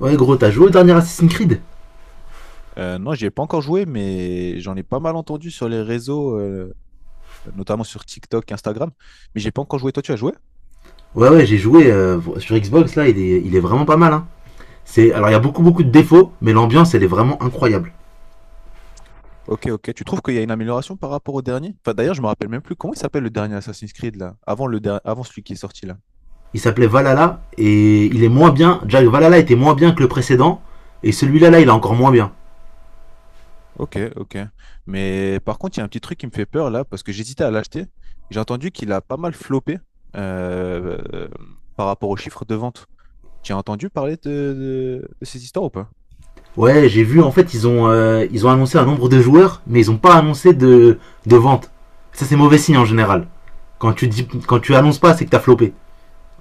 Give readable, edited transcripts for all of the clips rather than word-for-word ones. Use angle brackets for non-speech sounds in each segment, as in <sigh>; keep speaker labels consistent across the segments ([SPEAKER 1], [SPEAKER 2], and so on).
[SPEAKER 1] Ouais gros, t'as joué au dernier Assassin's Creed.
[SPEAKER 2] Non, j'y ai pas encore joué, mais j'en ai pas mal entendu sur les réseaux, notamment sur TikTok, Instagram. Mais j'ai pas encore joué. Toi, tu as joué?
[SPEAKER 1] Ouais, j'ai joué sur Xbox là, il est vraiment pas mal. Hein. C'est, alors il y a beaucoup de défauts, mais l'ambiance elle est vraiment incroyable.
[SPEAKER 2] Ok, ok. Tu trouves qu'il y a une amélioration par rapport au dernier? Enfin, d'ailleurs, je me rappelle même plus comment il s'appelle le dernier Assassin's Creed là, avant avant celui qui est sorti là.
[SPEAKER 1] Il s'appelait Valhalla et il est moins bien. Jack Valhalla était moins bien que le précédent, et celui-là là, il est encore moins bien.
[SPEAKER 2] Ok, ok. Mais par contre, il y a un petit truc qui me fait peur là, parce que j'hésitais à l'acheter. J'ai entendu qu'il a pas mal floppé euh, euh, par rapport aux chiffres de vente. Tu as entendu parler de ces histoires ou pas?
[SPEAKER 1] Ouais, j'ai vu, en fait ils ont annoncé un nombre de joueurs, mais ils ont pas annoncé de vente. Ça c'est mauvais signe en général. Quand tu annonces pas, c'est que t'as flopé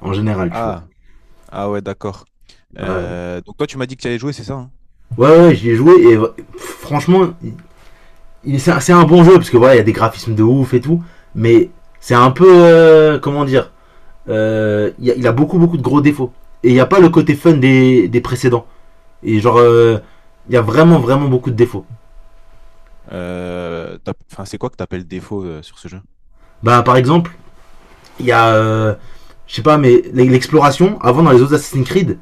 [SPEAKER 1] en général, tu vois.
[SPEAKER 2] Ah, ah ouais, d'accord.
[SPEAKER 1] Ouais,
[SPEAKER 2] Donc toi, tu m'as dit que tu allais jouer, c'est ça, hein?
[SPEAKER 1] ouais j'y ai joué et franchement, c'est bon jeu parce que voilà, il y a des graphismes de ouf et tout, mais c'est un peu comment dire, il a beaucoup de gros défauts et il n'y a pas le côté fun des précédents, et genre il y a vraiment beaucoup de défauts.
[SPEAKER 2] Enfin, c'est quoi que t'appelles défaut sur ce jeu?
[SPEAKER 1] Bah par exemple, il y a je sais pas, mais l'exploration avant dans les autres Assassin's Creed,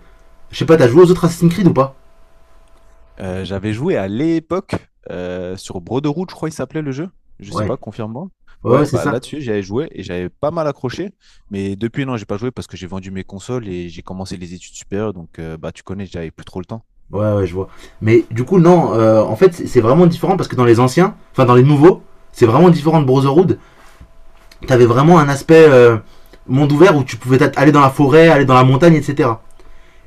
[SPEAKER 1] je sais pas, t'as joué aux autres Assassin's Creed ou pas?
[SPEAKER 2] J'avais joué à l'époque sur Brotherhood, je crois il s'appelait le jeu. Je sais
[SPEAKER 1] Ouais,
[SPEAKER 2] pas, confirme-moi.
[SPEAKER 1] ouais
[SPEAKER 2] Ouais,
[SPEAKER 1] ouais c'est
[SPEAKER 2] bah
[SPEAKER 1] ça.
[SPEAKER 2] là-dessus, j'avais joué et j'avais pas mal accroché. Mais depuis, non, j'ai pas joué parce que j'ai vendu mes consoles et j'ai commencé les études supérieures. Donc, bah, tu connais, j'avais plus trop le temps.
[SPEAKER 1] Ouais je vois. Mais du coup non, en fait c'est vraiment différent parce que dans les anciens, enfin dans les nouveaux, c'est vraiment différent de Brotherhood. T'avais vraiment un aspect monde ouvert où tu pouvais aller dans la forêt, aller dans la montagne, etc.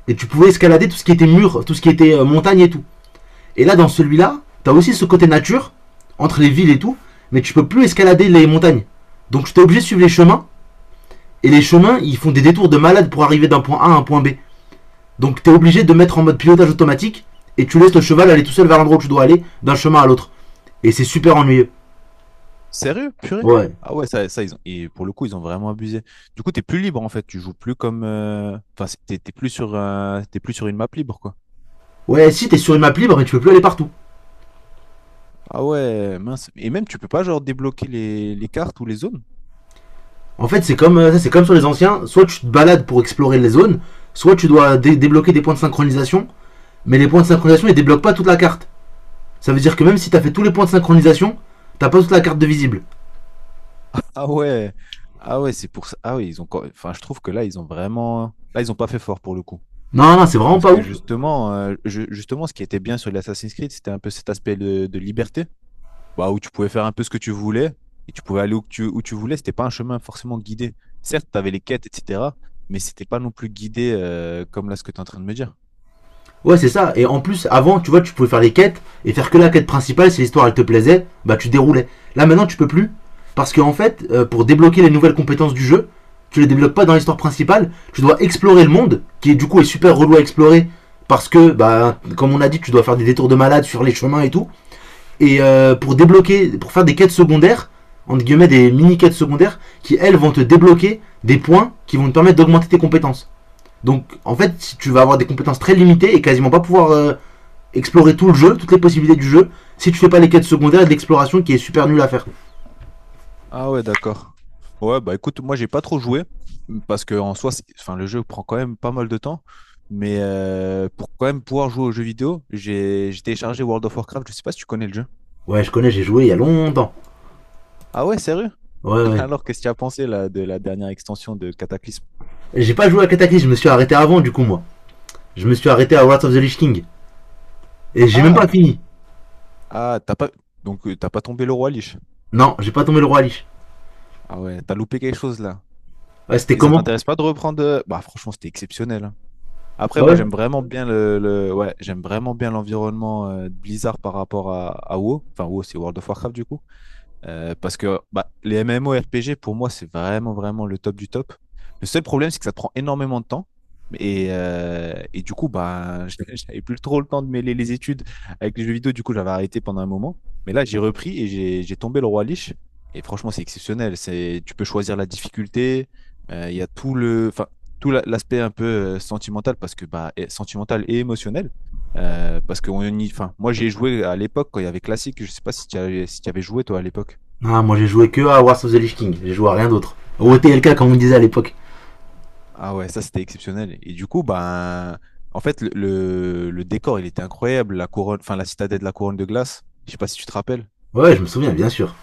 [SPEAKER 1] Et tu pouvais escalader tout ce qui était mur, tout ce qui était montagne et tout. Et là, dans celui-là, t'as aussi ce côté nature, entre les villes et tout, mais tu peux plus escalader les montagnes. Donc tu t'es obligé de suivre les chemins, et les chemins, ils font des détours de malade pour arriver d'un point A à un point B. Donc t'es obligé de mettre en mode pilotage automatique, et tu laisses le cheval aller tout seul vers l'endroit où tu dois aller, d'un chemin à l'autre. Et c'est super ennuyeux.
[SPEAKER 2] Sérieux? Purée?
[SPEAKER 1] Ouais.
[SPEAKER 2] Ah ouais, ça ils ont. Et pour le coup, ils ont vraiment abusé. Du coup, t'es plus libre en fait, tu joues plus comme, enfin, t'es plus sur, t'es plus sur une map libre, quoi.
[SPEAKER 1] Ouais, si, t'es sur une map libre, mais tu peux plus aller partout.
[SPEAKER 2] Ah ouais, mince. Et même, tu peux pas genre débloquer les cartes ou les zones?
[SPEAKER 1] En fait, c'est comme, ça, c'est comme sur les anciens. Soit tu te balades pour explorer les zones, soit tu dois débloquer des points de synchronisation. Mais les points de synchronisation, ils débloquent pas toute la carte. Ça veut dire que même si t'as fait tous les points de synchronisation, t'as pas toute la carte de visible.
[SPEAKER 2] Ah ouais, ah ouais, c'est pour ça. Ah oui, ils ont, enfin, je trouve que là, ils ont vraiment. Là, ils ont pas fait fort pour le coup.
[SPEAKER 1] Non, non, c'est vraiment
[SPEAKER 2] Parce
[SPEAKER 1] pas
[SPEAKER 2] que
[SPEAKER 1] ouf.
[SPEAKER 2] justement, justement, ce qui était bien sur l'Assassin's Creed, c'était un peu cet aspect de liberté. Bah, où tu pouvais faire un peu ce que tu voulais et tu pouvais aller où tu voulais. C'était pas un chemin forcément guidé. Certes, tu avais les quêtes, etc., mais c'était pas non plus guidé comme là ce que tu es en train de me dire.
[SPEAKER 1] Ouais, c'est ça. Et en plus, avant, tu vois, tu pouvais faire les quêtes et faire que la quête principale. Si l'histoire elle te plaisait, bah tu déroulais. Là maintenant, tu peux plus, parce qu'en fait, pour débloquer les nouvelles compétences du jeu, tu les débloques pas dans l'histoire principale. Tu dois explorer le monde, qui du coup est super relou à explorer parce que, bah, comme on a dit, tu dois faire des détours de malade sur les chemins et tout. Et pour faire des quêtes secondaires, entre guillemets des mini quêtes secondaires, qui elles vont te débloquer des points qui vont te permettre d'augmenter tes compétences. Donc en fait, si tu vas avoir des compétences très limitées et quasiment pas pouvoir explorer tout le jeu, toutes les possibilités du jeu, si tu fais pas les quêtes secondaires et de l'exploration qui est super nulle à faire.
[SPEAKER 2] Ah ouais, d'accord. Ouais, bah écoute, moi j'ai pas trop joué parce que en soi, enfin, le jeu prend quand même pas mal de temps. Mais pour quand même pouvoir jouer aux jeux vidéo, j'ai téléchargé World of Warcraft. Je sais pas si tu connais le jeu.
[SPEAKER 1] Ouais, je connais, j'ai joué il y a longtemps.
[SPEAKER 2] Ah ouais, sérieux?
[SPEAKER 1] Ouais,
[SPEAKER 2] <laughs>
[SPEAKER 1] ouais.
[SPEAKER 2] Alors, qu'est-ce que tu as pensé là, de la dernière extension de Cataclysme?
[SPEAKER 1] J'ai pas joué à Cataclysm, je me suis arrêté avant du coup moi. Je me suis arrêté à Wrath of the Lich King. Et j'ai même pas
[SPEAKER 2] Ah,
[SPEAKER 1] fini.
[SPEAKER 2] ah, t'as pas donc t'as pas tombé le roi Lich.
[SPEAKER 1] Non, j'ai pas tombé le roi Lich.
[SPEAKER 2] Ah ouais, t'as loupé quelque chose là.
[SPEAKER 1] Ouais, c'était
[SPEAKER 2] Et ça
[SPEAKER 1] comment?
[SPEAKER 2] t'intéresse pas de reprendre? Bah franchement, c'était exceptionnel, hein.
[SPEAKER 1] Ah
[SPEAKER 2] Après, moi
[SPEAKER 1] ouais.
[SPEAKER 2] j'aime vraiment bien ouais, j'aime vraiment bien l'environnement de Blizzard par rapport à WoW. Enfin WoW, c'est World of Warcraft du coup. Parce que bah, les MMORPG, pour moi, c'est vraiment, vraiment le top du top. Le seul problème, c'est que ça prend énormément de temps. Et du coup, bah, <laughs> j'avais plus trop le temps de mêler les études avec les jeux vidéo. Du coup, j'avais arrêté pendant un moment. Mais là, j'ai repris et j'ai tombé le roi Lich. Et franchement, c'est exceptionnel. Tu peux choisir la difficulté. Il y a tout le, enfin, l'aspect un peu sentimental parce que bah, sentimental et émotionnel. Parce que enfin, moi, j'ai joué à l'époque quand il y avait classique. Je sais pas si tu avais joué toi à l'époque.
[SPEAKER 1] Ah, moi j'ai joué que à Wrath of the Lich King, j'ai joué à rien d'autre. Au TLK comme on me disait à l'époque.
[SPEAKER 2] Ah ouais, ça c'était exceptionnel. Et du coup, ben, en fait, le décor, il était incroyable. La couronne, enfin, la citadelle de la couronne de glace. Je sais pas si tu te rappelles.
[SPEAKER 1] Ouais, je me souviens, bien sûr.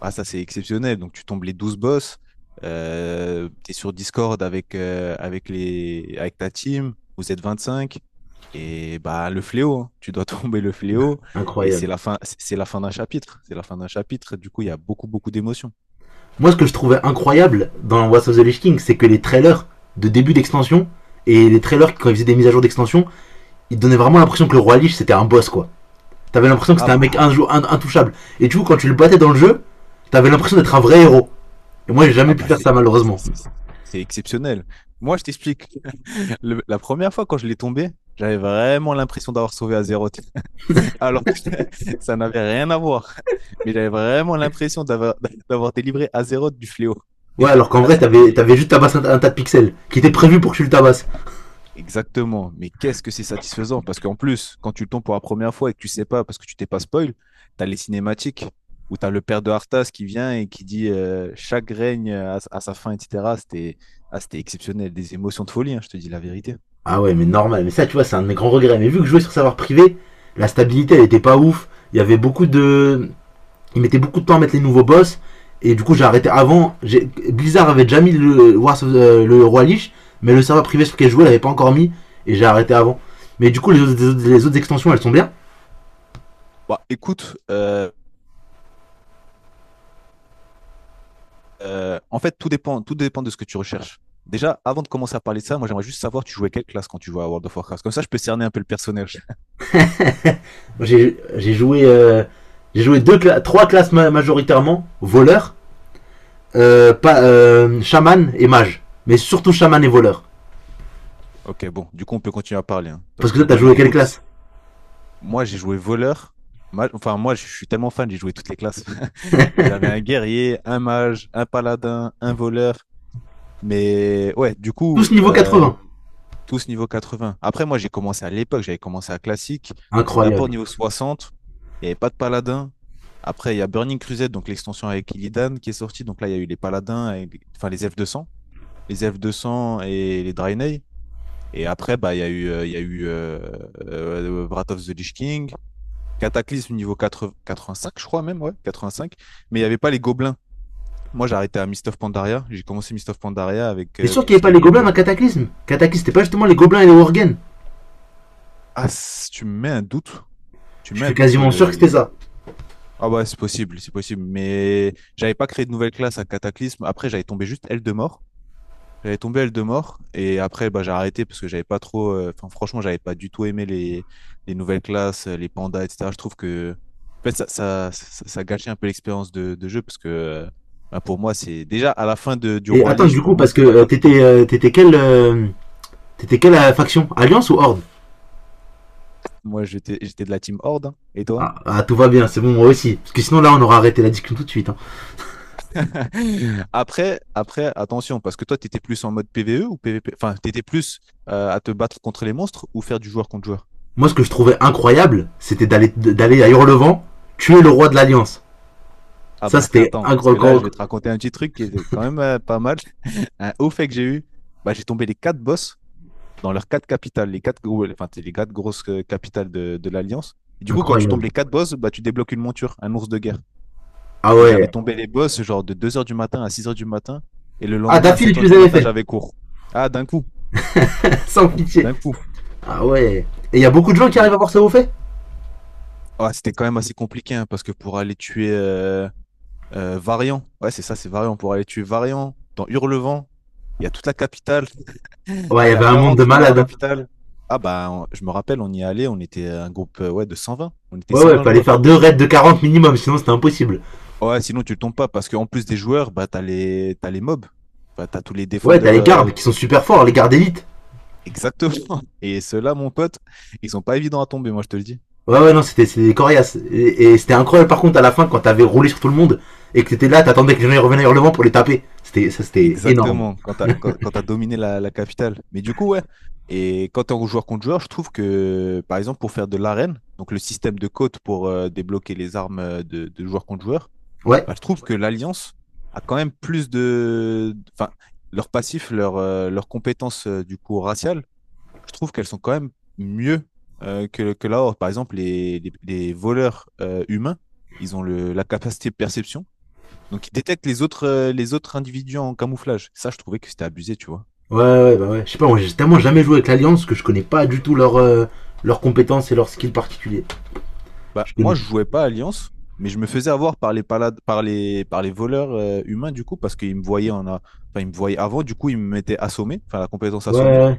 [SPEAKER 2] Ah, ça c'est exceptionnel. Donc, tu tombes les 12 boss. Tu es sur Discord avec ta team. Vous êtes 25. Et bah, le fléau, hein. Tu dois <laughs> tomber le fléau. Et c'est
[SPEAKER 1] Incroyable.
[SPEAKER 2] la fin, c'est la fin d'un chapitre. C'est la fin d'un chapitre. Du coup, il y a beaucoup, beaucoup d'émotions.
[SPEAKER 1] Moi, ce que je trouvais incroyable dans What's of the Lich King, c'est que les trailers de début d'extension et les trailers quand ils faisaient des mises à jour d'extension, ils donnaient vraiment l'impression que le roi Lich c'était un boss quoi. T'avais l'impression que
[SPEAKER 2] Ah
[SPEAKER 1] c'était un mec
[SPEAKER 2] bah,
[SPEAKER 1] intouchable. Et du coup, quand tu le battais dans le jeu, t'avais l'impression d'être un vrai héros. Et moi, j'ai jamais
[SPEAKER 2] ah
[SPEAKER 1] pu
[SPEAKER 2] bah,
[SPEAKER 1] faire ça
[SPEAKER 2] c'est-
[SPEAKER 1] malheureusement.
[SPEAKER 2] c'est- c'est exceptionnel. Moi, je t'explique. La première fois quand je l'ai tombé, j'avais vraiment l'impression d'avoir sauvé à zéro, <laughs> alors que <laughs> ça n'avait rien à voir. Mais j'avais vraiment l'impression d'avoir <laughs> d'avoir délivré à zéro du fléau.
[SPEAKER 1] Ouais, alors qu'en
[SPEAKER 2] Ah,
[SPEAKER 1] vrai, t'avais
[SPEAKER 2] c'était
[SPEAKER 1] t'avais juste tabassé un tas de pixels qui était prévu pour que tu le tabasses.
[SPEAKER 2] exactement. Mais qu'est-ce que c'est satisfaisant? Parce qu'en plus, quand tu le tombes pour la première fois et que tu sais pas, parce que tu t'es pas spoil, tu as les cinématiques où tu as le père de Arthas qui vient et qui dit chaque règne à sa fin, etc. C'était exceptionnel. Des émotions de folie, hein, je te dis la vérité.
[SPEAKER 1] Ah ouais, mais normal. Mais ça, tu vois, c'est un de mes grands regrets. Mais vu que je jouais sur savoir privé, la stabilité elle était pas ouf. Il y avait beaucoup de Ils mettaient beaucoup de temps à mettre les nouveaux boss. Et du coup, j'ai arrêté avant. Blizzard avait déjà mis le, Wars le Roi Lich, mais le serveur privé sur lequel je jouais l'avait pas encore mis. Et j'ai arrêté avant. Mais du coup, les autres, extensions, elles sont bien.
[SPEAKER 2] Bah, écoute, en fait, tout dépend de ce que tu recherches. Déjà, avant de commencer à parler de ça, moi, j'aimerais juste savoir, tu jouais quelle classe quand tu jouais à World of Warcraft? Comme ça, je peux cerner un peu le personnage. <laughs>
[SPEAKER 1] J'ai joué, deux, trois classes, majoritairement voleur, pas, chaman et mage. Mais surtout chaman et voleur.
[SPEAKER 2] Ok, bon, du coup, on peut continuer à parler, hein,
[SPEAKER 1] Parce
[SPEAKER 2] parce
[SPEAKER 1] que
[SPEAKER 2] que
[SPEAKER 1] toi, t'as
[SPEAKER 2] moi, les
[SPEAKER 1] joué quelle
[SPEAKER 2] drones,
[SPEAKER 1] classe?
[SPEAKER 2] moi, j'ai joué voleur. Enfin, moi, je suis tellement fan, j'ai joué toutes les classes. <laughs> J'avais un guerrier, un mage, un paladin, un voleur. Mais ouais, du coup,
[SPEAKER 1] Tous niveau 80.
[SPEAKER 2] tous niveau 80. Après, moi, j'ai commencé à l'époque, j'avais commencé à classique. Donc, c'est d'abord
[SPEAKER 1] Incroyable.
[SPEAKER 2] niveau 60. Il n'y avait pas de paladin. Après, il y a Burning Crusade, donc l'extension avec Illidan qui est sortie. Donc là, il y a eu les paladins, enfin les F200 et les Draenei. Et après, bah, il y a eu, il y a eu Wrath of the Lich King, Cataclysme niveau 80 85, je crois même, ouais, 85. Mais il n'y avait pas les gobelins. Moi, j'ai arrêté à Mist of Pandaria. J'ai commencé Mist of Pandaria avec
[SPEAKER 1] T'es sûr qu'il
[SPEAKER 2] tout
[SPEAKER 1] n'y
[SPEAKER 2] ce
[SPEAKER 1] avait pas
[SPEAKER 2] qui est
[SPEAKER 1] les gobelins dans
[SPEAKER 2] gobelins.
[SPEAKER 1] Cataclysme? Cataclysme, c'était pas justement les gobelins et les worgen?
[SPEAKER 2] Ah, tu me mets un doute. Tu
[SPEAKER 1] Je
[SPEAKER 2] mets un
[SPEAKER 1] suis
[SPEAKER 2] doute sur
[SPEAKER 1] quasiment sûr
[SPEAKER 2] le,
[SPEAKER 1] que c'était
[SPEAKER 2] les-.
[SPEAKER 1] ça.
[SPEAKER 2] Ah ouais, c'est possible, c'est possible. Mais j'avais pas créé de nouvelle classe à Cataclysme. Après, j'avais tombé juste L de mort. J'avais tombé L de mort. Et après, bah, j'ai arrêté parce que j'avais pas trop. Enfin, franchement, j'avais pas du tout aimé les nouvelles classes, les pandas, etc. Je trouve que. En fait, ça gâchait un peu l'expérience de jeu parce que bah, pour moi, c'est. Déjà, à la fin du
[SPEAKER 1] Et
[SPEAKER 2] Roi
[SPEAKER 1] attends,
[SPEAKER 2] Lich,
[SPEAKER 1] du
[SPEAKER 2] pour
[SPEAKER 1] coup,
[SPEAKER 2] moi,
[SPEAKER 1] parce que
[SPEAKER 2] c'était déjà compliqué.
[SPEAKER 1] t'étais quelle faction, Alliance ou Horde?
[SPEAKER 2] Moi, j'étais de la team Horde, hein. Et toi?
[SPEAKER 1] Ah, ah, tout va bien, c'est bon, moi aussi. Parce que sinon, là, on aura arrêté la discussion tout de suite, hein.
[SPEAKER 2] <laughs> Après, après, attention, parce que toi, tu étais plus en mode PVE ou PVP? Enfin, tu étais plus à te battre contre les monstres ou faire du joueur contre joueur?
[SPEAKER 1] Moi, ce que je trouvais incroyable, c'était d'aller à Hurlevent, tuer le roi de l'Alliance.
[SPEAKER 2] Ah
[SPEAKER 1] Ça,
[SPEAKER 2] bah <laughs>
[SPEAKER 1] c'était
[SPEAKER 2] attends, parce que là, je vais te raconter un petit truc qui était quand même pas mal. <laughs> Un haut fait que j'ai eu, bah, j'ai tombé les quatre boss dans leurs quatre capitales, les quatre, enfin, c'est les quatre grosses capitales de l'Alliance. Et du coup, quand tu tombes les
[SPEAKER 1] incroyable.
[SPEAKER 2] quatre boss, bah, tu débloques une monture, un ours de guerre.
[SPEAKER 1] Ah
[SPEAKER 2] Et j'avais
[SPEAKER 1] ouais.
[SPEAKER 2] tombé les boss genre de 2 h du matin à 6 h du matin. Et le
[SPEAKER 1] Ah,
[SPEAKER 2] lendemain, à
[SPEAKER 1] d'affilée,
[SPEAKER 2] sept
[SPEAKER 1] tu
[SPEAKER 2] heures
[SPEAKER 1] les
[SPEAKER 2] du
[SPEAKER 1] avais
[SPEAKER 2] matin,
[SPEAKER 1] fait.
[SPEAKER 2] j'avais cours. Ah, d'un coup,
[SPEAKER 1] <laughs> Sans pitié.
[SPEAKER 2] d'un coup.
[SPEAKER 1] Ah ouais. Et il y a beaucoup de gens qui arrivent à
[SPEAKER 2] Mais
[SPEAKER 1] voir ça vous fait.
[SPEAKER 2] ouais, c'était quand même assez compliqué hein, parce que pour aller tuer Variant, ouais, c'est ça, c'est Variant. Pour aller tuer Variant dans Hurlevent, il y a toute la capitale. <laughs>
[SPEAKER 1] Ouais, il y
[SPEAKER 2] Aller à
[SPEAKER 1] avait un monde de
[SPEAKER 2] 40 dans la
[SPEAKER 1] malades, hein.
[SPEAKER 2] capitale. Ah bah, je me rappelle, on y est allé, on était un groupe ouais, de 120. On était
[SPEAKER 1] Ouais,
[SPEAKER 2] cent
[SPEAKER 1] ouais,
[SPEAKER 2] vingt
[SPEAKER 1] fallait
[SPEAKER 2] joueurs.
[SPEAKER 1] faire deux raids de 40 minimum, sinon c'était impossible.
[SPEAKER 2] Ouais, sinon tu tombes pas parce qu'en plus des joueurs, bah, t'as les mobs. Enfin, t'as tous les
[SPEAKER 1] Ouais, t'as
[SPEAKER 2] défendeurs.
[SPEAKER 1] les gardes qui sont super forts, les gardes élites.
[SPEAKER 2] Exactement. <laughs> Et ceux-là, mon pote, ils sont pas évidents à tomber, moi, je te le dis.
[SPEAKER 1] Ouais, ouais, non, c'était, c'était coriace. Et c'était incroyable, par contre, à la fin, quand t'avais roulé sur tout le monde, et que t'étais là, t'attendais que les gens ils revenaient hurlement pour les taper. C'était, ça, c'était énorme.
[SPEAKER 2] Exactement, quand tu as, quand, quand t'as dominé la capitale. Mais du coup, ouais. Et quand tu es en joueur contre joueur, je trouve que, par exemple, pour faire de l'arène, donc le système de côte pour débloquer les armes de joueur contre joueur,
[SPEAKER 1] Ouais.
[SPEAKER 2] bah, je trouve que l'Alliance a quand même plus de, enfin, leur passif, leur, leurs compétences du coup raciales, je trouve qu'elles sont quand même mieux que la Horde. Par exemple, les voleurs humains, ils ont la capacité de perception donc, il détecte les autres individus en camouflage. Ça, je trouvais que c'était abusé, tu vois.
[SPEAKER 1] Ouais, ouais, bah ouais. Je sais pas, moi, j'ai tellement jamais joué avec l'Alliance que je connais pas du tout leurs leurs compétences et leurs skills particuliers.
[SPEAKER 2] Bah,
[SPEAKER 1] Je connais
[SPEAKER 2] moi, je
[SPEAKER 1] pas.
[SPEAKER 2] jouais pas à Alliance, mais je me faisais avoir par les voleurs humains, du coup, parce qu'ils me voyaient enfin, ils me voyaient avant, du coup, ils me mettaient assommé, enfin, la compétence
[SPEAKER 1] Ouais,
[SPEAKER 2] assommée.
[SPEAKER 1] ouais,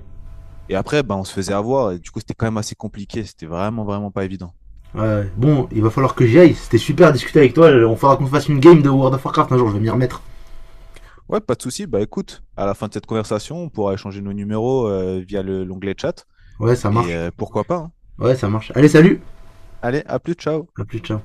[SPEAKER 2] Et après, bah, on se faisait avoir, et du coup, c'était quand même assez compliqué. C'était vraiment, vraiment pas évident.
[SPEAKER 1] ouais. Ouais, bon, il va falloir que j'y aille. C'était super à discuter avec toi. On faudra qu'on fasse une game de World of Warcraft un jour, je vais m'y remettre.
[SPEAKER 2] Ouais, pas de souci. Bah, écoute, à la fin de cette conversation, on pourra échanger nos numéros via l'onglet chat.
[SPEAKER 1] Ouais, ça
[SPEAKER 2] Et
[SPEAKER 1] marche.
[SPEAKER 2] pourquoi pas, hein.
[SPEAKER 1] Ouais, ça marche. Allez, salut!
[SPEAKER 2] Allez, à plus, ciao.
[SPEAKER 1] À plus, ciao.